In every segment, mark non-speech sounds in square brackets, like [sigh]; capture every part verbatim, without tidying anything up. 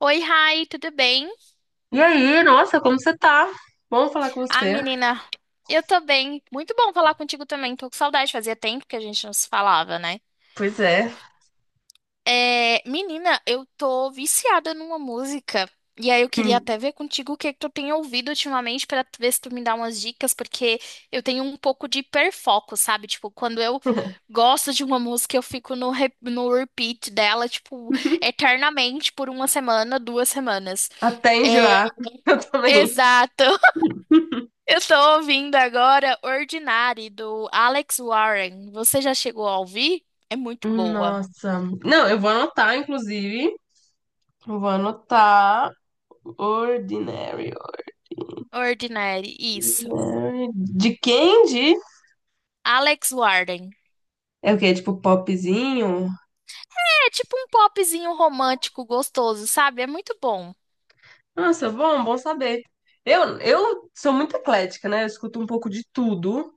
Oi, Rai, tudo bem? E aí, nossa, como você tá? Bom falar com Ah, você. menina, eu tô bem. Muito bom falar contigo também. Tô com saudade, fazia tempo que a gente não se falava, né? Pois é. É, menina, eu tô viciada numa música. E aí eu [laughs] queria Hum. até ver contigo o que que tu tem ouvido ultimamente pra tu ver se tu me dá umas dicas, porque eu tenho um pouco de hiperfoco, sabe? Tipo, quando eu gosto de uma música, eu fico no, re- no repeat dela, tipo, eternamente por uma semana, duas semanas. Até É, enjoar. [laughs] Eu também. exato. Eu tô ouvindo agora Ordinary, do Alex Warren. Você já chegou a ouvir? É muito boa. Nossa. Não, eu vou anotar, inclusive. Eu vou anotar Ordinary. Ordinary, isso. Ordinary. De quem? De... Alex Warren. É o quê? Tipo popzinho? É tipo um popzinho romântico gostoso, sabe? É muito bom. Nossa, bom, bom saber. Eu, eu sou muito eclética, né? Eu escuto um pouco de tudo.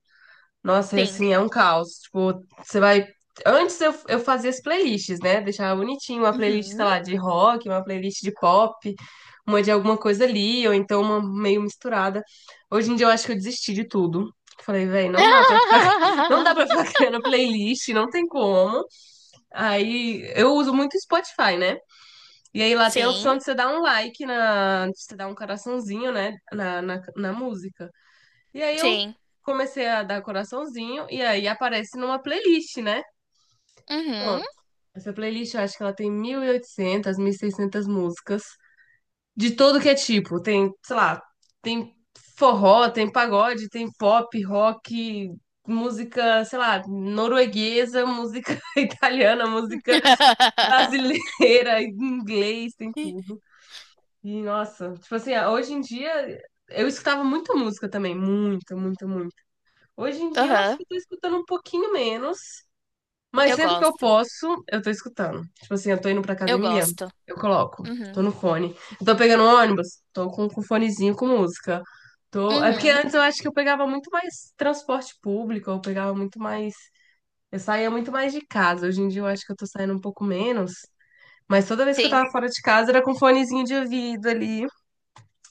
Nossa, é Sim. assim, é um caos. Tipo, você vai. Antes eu, eu fazia as playlists, né? Deixava bonitinho uma playlist, sei Uhum. lá, de rock, uma playlist de pop, uma de alguma coisa ali, ou então uma meio misturada. Hoje em dia eu acho que eu desisti de tudo. Falei, velho, não dá pra ficar, [laughs] não dá pra ficar [laughs] criando playlist, não tem como. Aí eu uso muito o Spotify, né? E aí lá tem a Sim, opção de você dar um like na, de você dar um coraçãozinho, né, na, na, na música. E aí eu sim. comecei a dar coraçãozinho e aí aparece numa playlist, né? Uhum. Pronto. Essa playlist eu acho que ela tem mil mil e oitocentas mil e seiscentas músicas de todo que é tipo. Tem, sei lá, tem forró, tem pagode, tem pop, rock, música, sei lá, norueguesa, música [laughs] italiana, música [laughs] brasileira, [laughs] inglês, tem tudo. E nossa, tipo assim, hoje em dia eu escutava muita música também, muita, muita, muita. Hoje em dia eu acho Aham. que eu tô escutando um pouquinho menos, mas Eu sempre que eu gosto. posso, eu tô escutando. Tipo assim, eu tô indo pra Eu academia, gosto. eu coloco, tô Uhum. no fone. Eu tô pegando um ônibus, tô com, com fonezinho com música. Tô... É porque Uhum. antes eu acho que eu pegava muito mais transporte público, eu pegava muito mais. Eu saía muito mais de casa. Hoje em dia eu acho que eu tô saindo um pouco menos. Mas toda vez que eu Sim. tava fora de casa era com fonezinho de ouvido ali.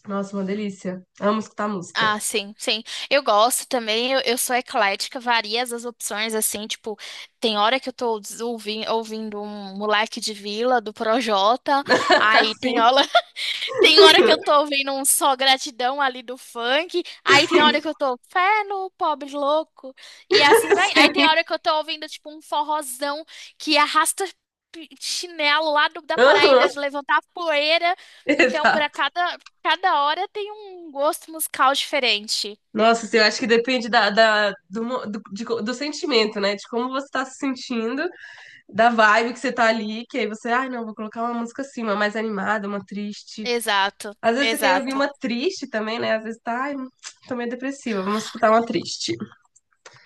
Nossa, uma delícia. Amo escutar música. Ah, sim, sim. Eu gosto também, eu, eu sou eclética, varia as opções, assim, tipo, tem hora que eu tô ouvindo, ouvindo um moleque de vila do Projota, [laughs] aí Assim, tem hora, tem hora que eu tô ouvindo um só gratidão ali do funk, aí tem sim, hora que eu tô fé no pobre louco, e assim vai. Aí tem sim. hora que eu tô ouvindo tipo um forrozão que arrasta pi- chinelo lá do- da [laughs] Aham, Paraíba de levantar poeira. Então, para exato. cada, cada hora tem um gosto musical diferente. Nossa, assim, eu acho que depende da, da- do, mo- do, de co- do sentimento, né? De como você tá se sentindo, da vibe que você tá ali, que aí você, ai, não, vou colocar uma música assim, uma mais animada, uma triste. Exato, Às vezes você quer ouvir exato. uma triste também, né? Às vezes tá, ai, tô meio depressiva, vamos escutar uma triste.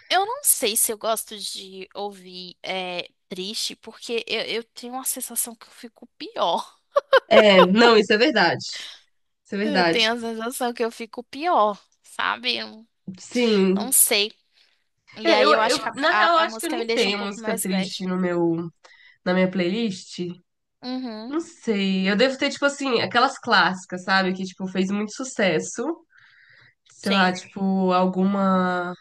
Eu não sei se eu gosto de ouvir é, triste, porque eu, eu tenho uma sensação que eu fico pior. É, não, isso é verdade. Isso é Eu verdade. tenho a sensação que eu fico pior, sabe? Eu não Sim. sei. E É, aí eu, eu eu, acho que na a, a, real, eu a acho que eu música me nem deixa um tenho pouco música mais triste bad. no meu, na minha playlist. Uhum, Não sei. Eu devo ter, tipo assim, aquelas clássicas, sabe? Que, tipo, fez muito sucesso. Sei lá, sim, tipo, alguma,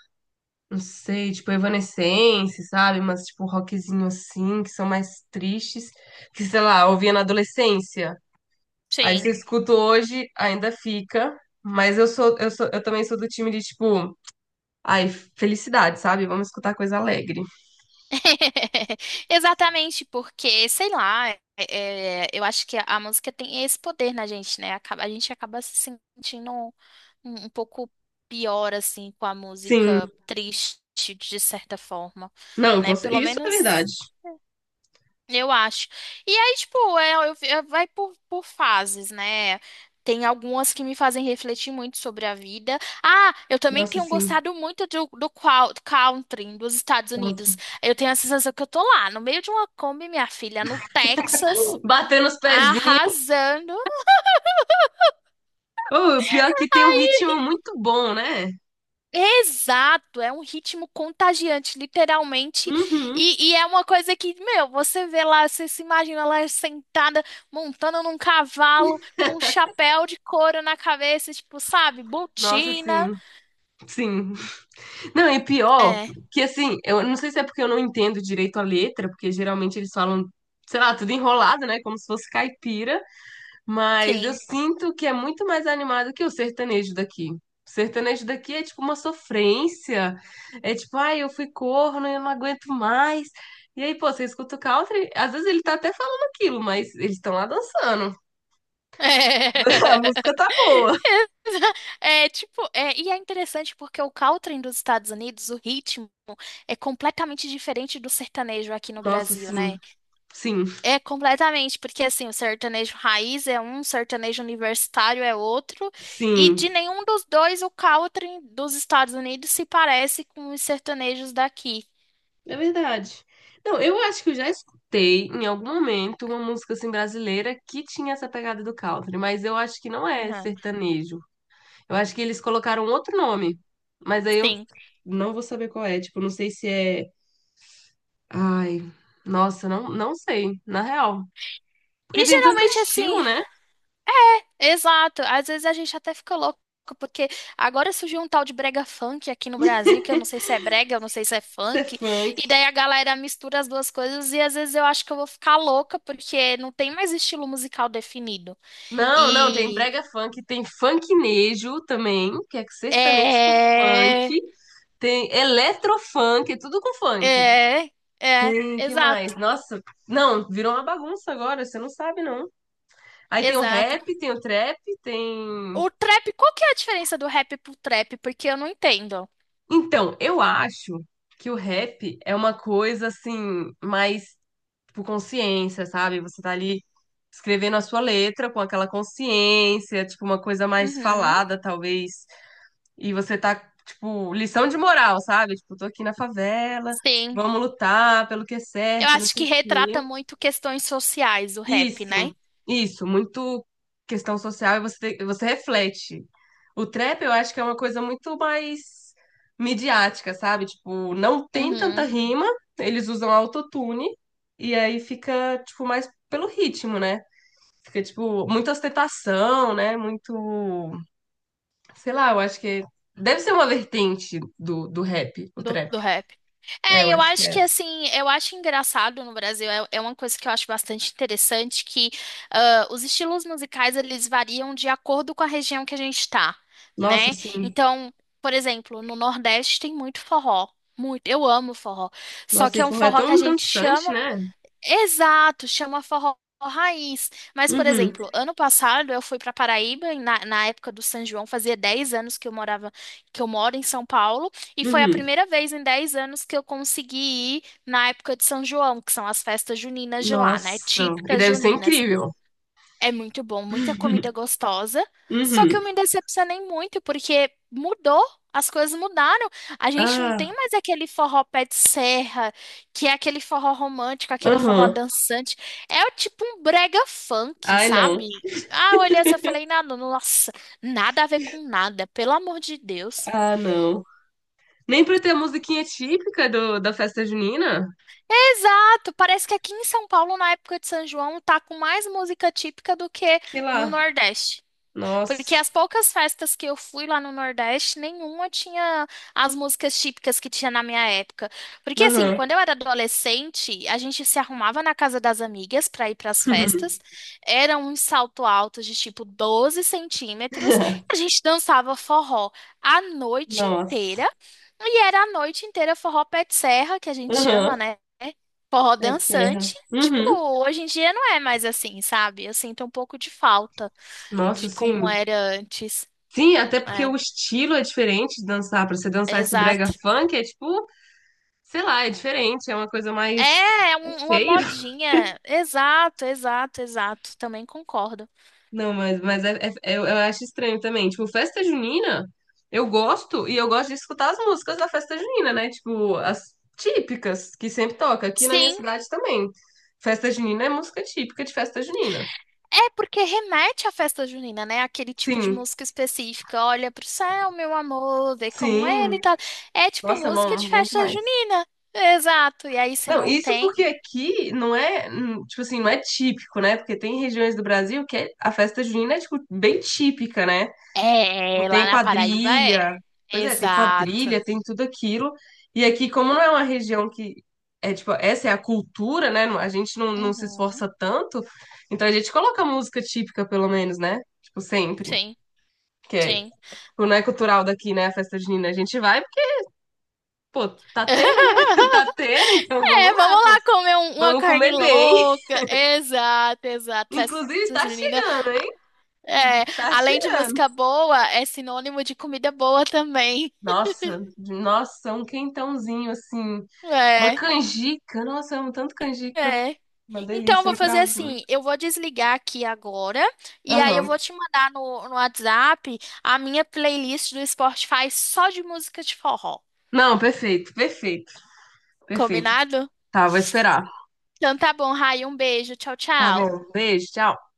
não sei, tipo Evanescence, sabe? Mas tipo rockzinho assim, que são mais tristes, que sei lá, eu ouvia na adolescência. Aí se sim. escuta hoje, ainda fica, mas eu sou eu sou eu também sou do time de tipo, ai, felicidade, sabe? Vamos escutar coisa alegre. [laughs] Exatamente, porque, sei lá, é, eu acho que a, música tem esse poder na gente, né? Acaba- a gente acaba se sentindo um, um pouco pior, assim, com a Sim. música triste, de certa forma, Não, com né? cer- Pelo isso é menos. verdade. Eu acho. E aí, tipo, é, eu- é- vai por, por fases, né? Tem algumas que me fazem refletir muito sobre a vida. Ah, eu também Nossa, tenho sim. gostado muito do, do qual- country dos Estados Outra. Unidos. Eu tenho a sensação que eu tô lá, no meio de uma Kombi, minha filha, no Texas, Batendo os pezinhos. arrasando. Oh, o pior é que tem um ritmo muito bom, né? Exato, é um ritmo contagiante, literalmente. Uhum. E, e é uma coisa que, meu, você vê lá, você se imagina lá sentada, montando num cavalo, com um chapéu de couro na cabeça, tipo, sabe, Nossa, botina. sim. Sim, não, e pior, É, que assim, eu não sei se é porque eu não entendo direito a letra, porque geralmente eles falam, sei lá, tudo enrolado, né? Como se fosse caipira, mas eu sim. sinto que é muito mais animado que o sertanejo daqui. O sertanejo daqui é tipo uma sofrência. É tipo, ai, eu fui corno, eu não aguento mais. E aí, pô, você escuta o country, às vezes ele tá até falando aquilo, mas eles estão lá dançando. [laughs] A música [laughs] tá boa. É, tipo, é, e é interessante porque o country dos Estados Unidos, o ritmo, é completamente diferente do sertanejo aqui no Nossa, Brasil, sim, né? sim, É completamente, porque assim, o sertanejo raiz é um, o sertanejo universitário é outro, e sim. de nenhum dos dois o country dos Estados Unidos se parece com os sertanejos daqui. É verdade. Não, eu acho que eu já escutei em algum momento uma música assim brasileira que tinha essa pegada do country, mas eu acho que não é Aham, sertanejo. Eu acho que eles colocaram um outro nome, mas aí eu sim. não vou saber qual é. Tipo, não sei se é. Ai, nossa, não, não sei, na real. E Porque tem tanto geralmente assim, estilo, né? exato, às vezes a gente até fica louco, porque agora surgiu um tal de brega funk aqui no Brasil, que eu não sei se é brega, eu não sei se é Ser funk, funk. e daí a galera mistura as duas coisas e às vezes eu acho que eu vou ficar louca, porque não tem mais estilo musical definido. Não, não, tem E brega funk, tem funknejo também, que é sertanejo com funk, é, tem eletrofunk, é tudo com funk. é, é, Tem, que mais? exato, Nossa, não, virou uma bagunça agora, você não sabe, não. Aí tem o exato. rap, tem o trap, tem. O trap, qual que é a diferença do rap pro trap? Porque eu não entendo. Então, eu acho que o rap é uma coisa assim, mais tipo consciência, sabe? Você tá ali escrevendo a sua letra com aquela consciência, tipo, uma coisa mais Uhum, falada, talvez. E você tá, tipo, lição de moral, sabe? Tipo, tô aqui na favela, sim. vamos lutar pelo que é Eu certo, não acho que sei o retrata quê. muito questões sociais o rap, né? Isso, isso, muito questão social e você, te- você reflete. O trap eu acho que é uma coisa muito mais midiática, sabe? Tipo, não tem tanta Uhum. rima, eles usam autotune e aí fica, tipo, mais pelo ritmo, né? Fica, tipo, muita ostentação, né? Muito, sei lá, eu acho que deve ser uma vertente do, do rap, o do, trap. do rap. É, É, eu eu acho que acho é. que assim, eu acho engraçado no Brasil, é, é uma coisa que eu acho bastante interessante, que ah, os estilos musicais eles variam de acordo com a região que a gente tá, Nossa, né? assim, Então, por exemplo, no Nordeste tem muito forró. Muito, eu amo forró. Só nossa, que é e um porra, é forró que tão a gente dançante, chama. né? Exato, chama forró raiz. Mas, por Uhum, exemplo, ano passado eu fui para Paraíba, e na, na época do São João, fazia dez anos que eu morava, que eu moro em São Paulo, e foi a uhum. primeira vez em dez anos que eu consegui ir na época de São João, que são as festas juninas de lá, né? Nossa, e Típicas deve ser juninas. incrível. É muito bom, muita comida gostosa. Só que Uhum. eu me decepcionei muito porque mudou, as coisas mudaram. A gente não tem Ah, mais aquele forró pé de serra, que é aquele forró romântico, aquele forró aham. dançante. É o tipo um brega funk, Ai, não. sabe? Ah, eu olhei assim, eu falei, nada, nossa, nada a ver com nada, pelo amor de Deus. Ah, não. Nem pra ter a musiquinha típica do, da festa junina? Exato, parece que aqui em São Paulo, na época de São João, tá com mais música típica do que Sei no lá. Nordeste. Porque Nossa. as poucas festas que eu fui lá no Nordeste, nenhuma tinha as músicas típicas que tinha na minha época. Porque assim, Aham. quando eu era adolescente, a gente se arrumava na casa das amigas para ir para as festas. Era um salto alto de tipo doze centímetros. A gente dançava forró a noite Nossa. inteira. E era a noite inteira forró pé de serra, que a gente chama, Aham. né? Forró Pé de serra. dançante. Tipo, Uhum. hoje em dia não é mais assim, sabe? Eu sinto um pouco de falta Nossa, de como sim. era antes. Sim, até porque o É, estilo é diferente de dançar. Pra você dançar esse brega exato. funk é tipo, sei lá, é diferente. É uma coisa mais. É, é É um- uma feio. modinha. Exato, exato, exato. Também concordo. Não, mas, mas é, é- eu, eu acho estranho também. Tipo, festa junina, eu gosto e eu gosto de escutar as músicas da festa junina, né? Tipo, as típicas que sempre toca. Aqui na minha Sim, cidade também. Festa junina é música típica de festa junina. é porque remete à festa junina, né? Aquele tipo de Sim, música específica. Olha pro céu, meu amor, vê como sim. ele tá. É tipo Nossa, música de bom, bom festa demais. junina. Exato. E aí, se Não, não isso tem. porque aqui não é, hum, tipo assim, não é típico, né? Porque tem regiões do Brasil que é- a festa junina é, tipo, bem típica, né? Tipo, É, lá tem na Paraíba é. quadrilha. Pois é, tem Exato. quadrilha, tem tudo aquilo. E aqui, como não é uma região que é tipo, essa é a cultura, né? A gente não, não se Uhum. esforça tanto, então a gente coloca música típica, pelo menos, né? Tipo, sempre. Sim, Que é, sim. tipo, não é cultural daqui, né? A festa junina. A gente vai, porque, pô, tá tendo, né? [laughs] Tá [laughs] tendo, então vamos É, lá, vamos pô. lá comer um- uma Vamos carne comer bem. [laughs] louca. Exato, exato. Festa Inclusive, tá junina. chegando, hein? É, Tá além de chegando. música boa, é sinônimo de comida boa também. Nossa, nossa, é um quentãozinho assim. Uma É, canjica. Nossa, eu amo tanto canjica. é. Uma Então, eu delícia, vou um fazer curauzinho. assim: eu vou desligar aqui agora, e aí eu Aham. vou te mandar no, no WhatsApp a minha playlist do Spotify só de música de forró. Não, perfeito, perfeito, perfeito. Combinado? Tá, vou esperar. Então tá bom, Rai, um beijo. Tchau, Tá tchau. bom. Beijo, tchau.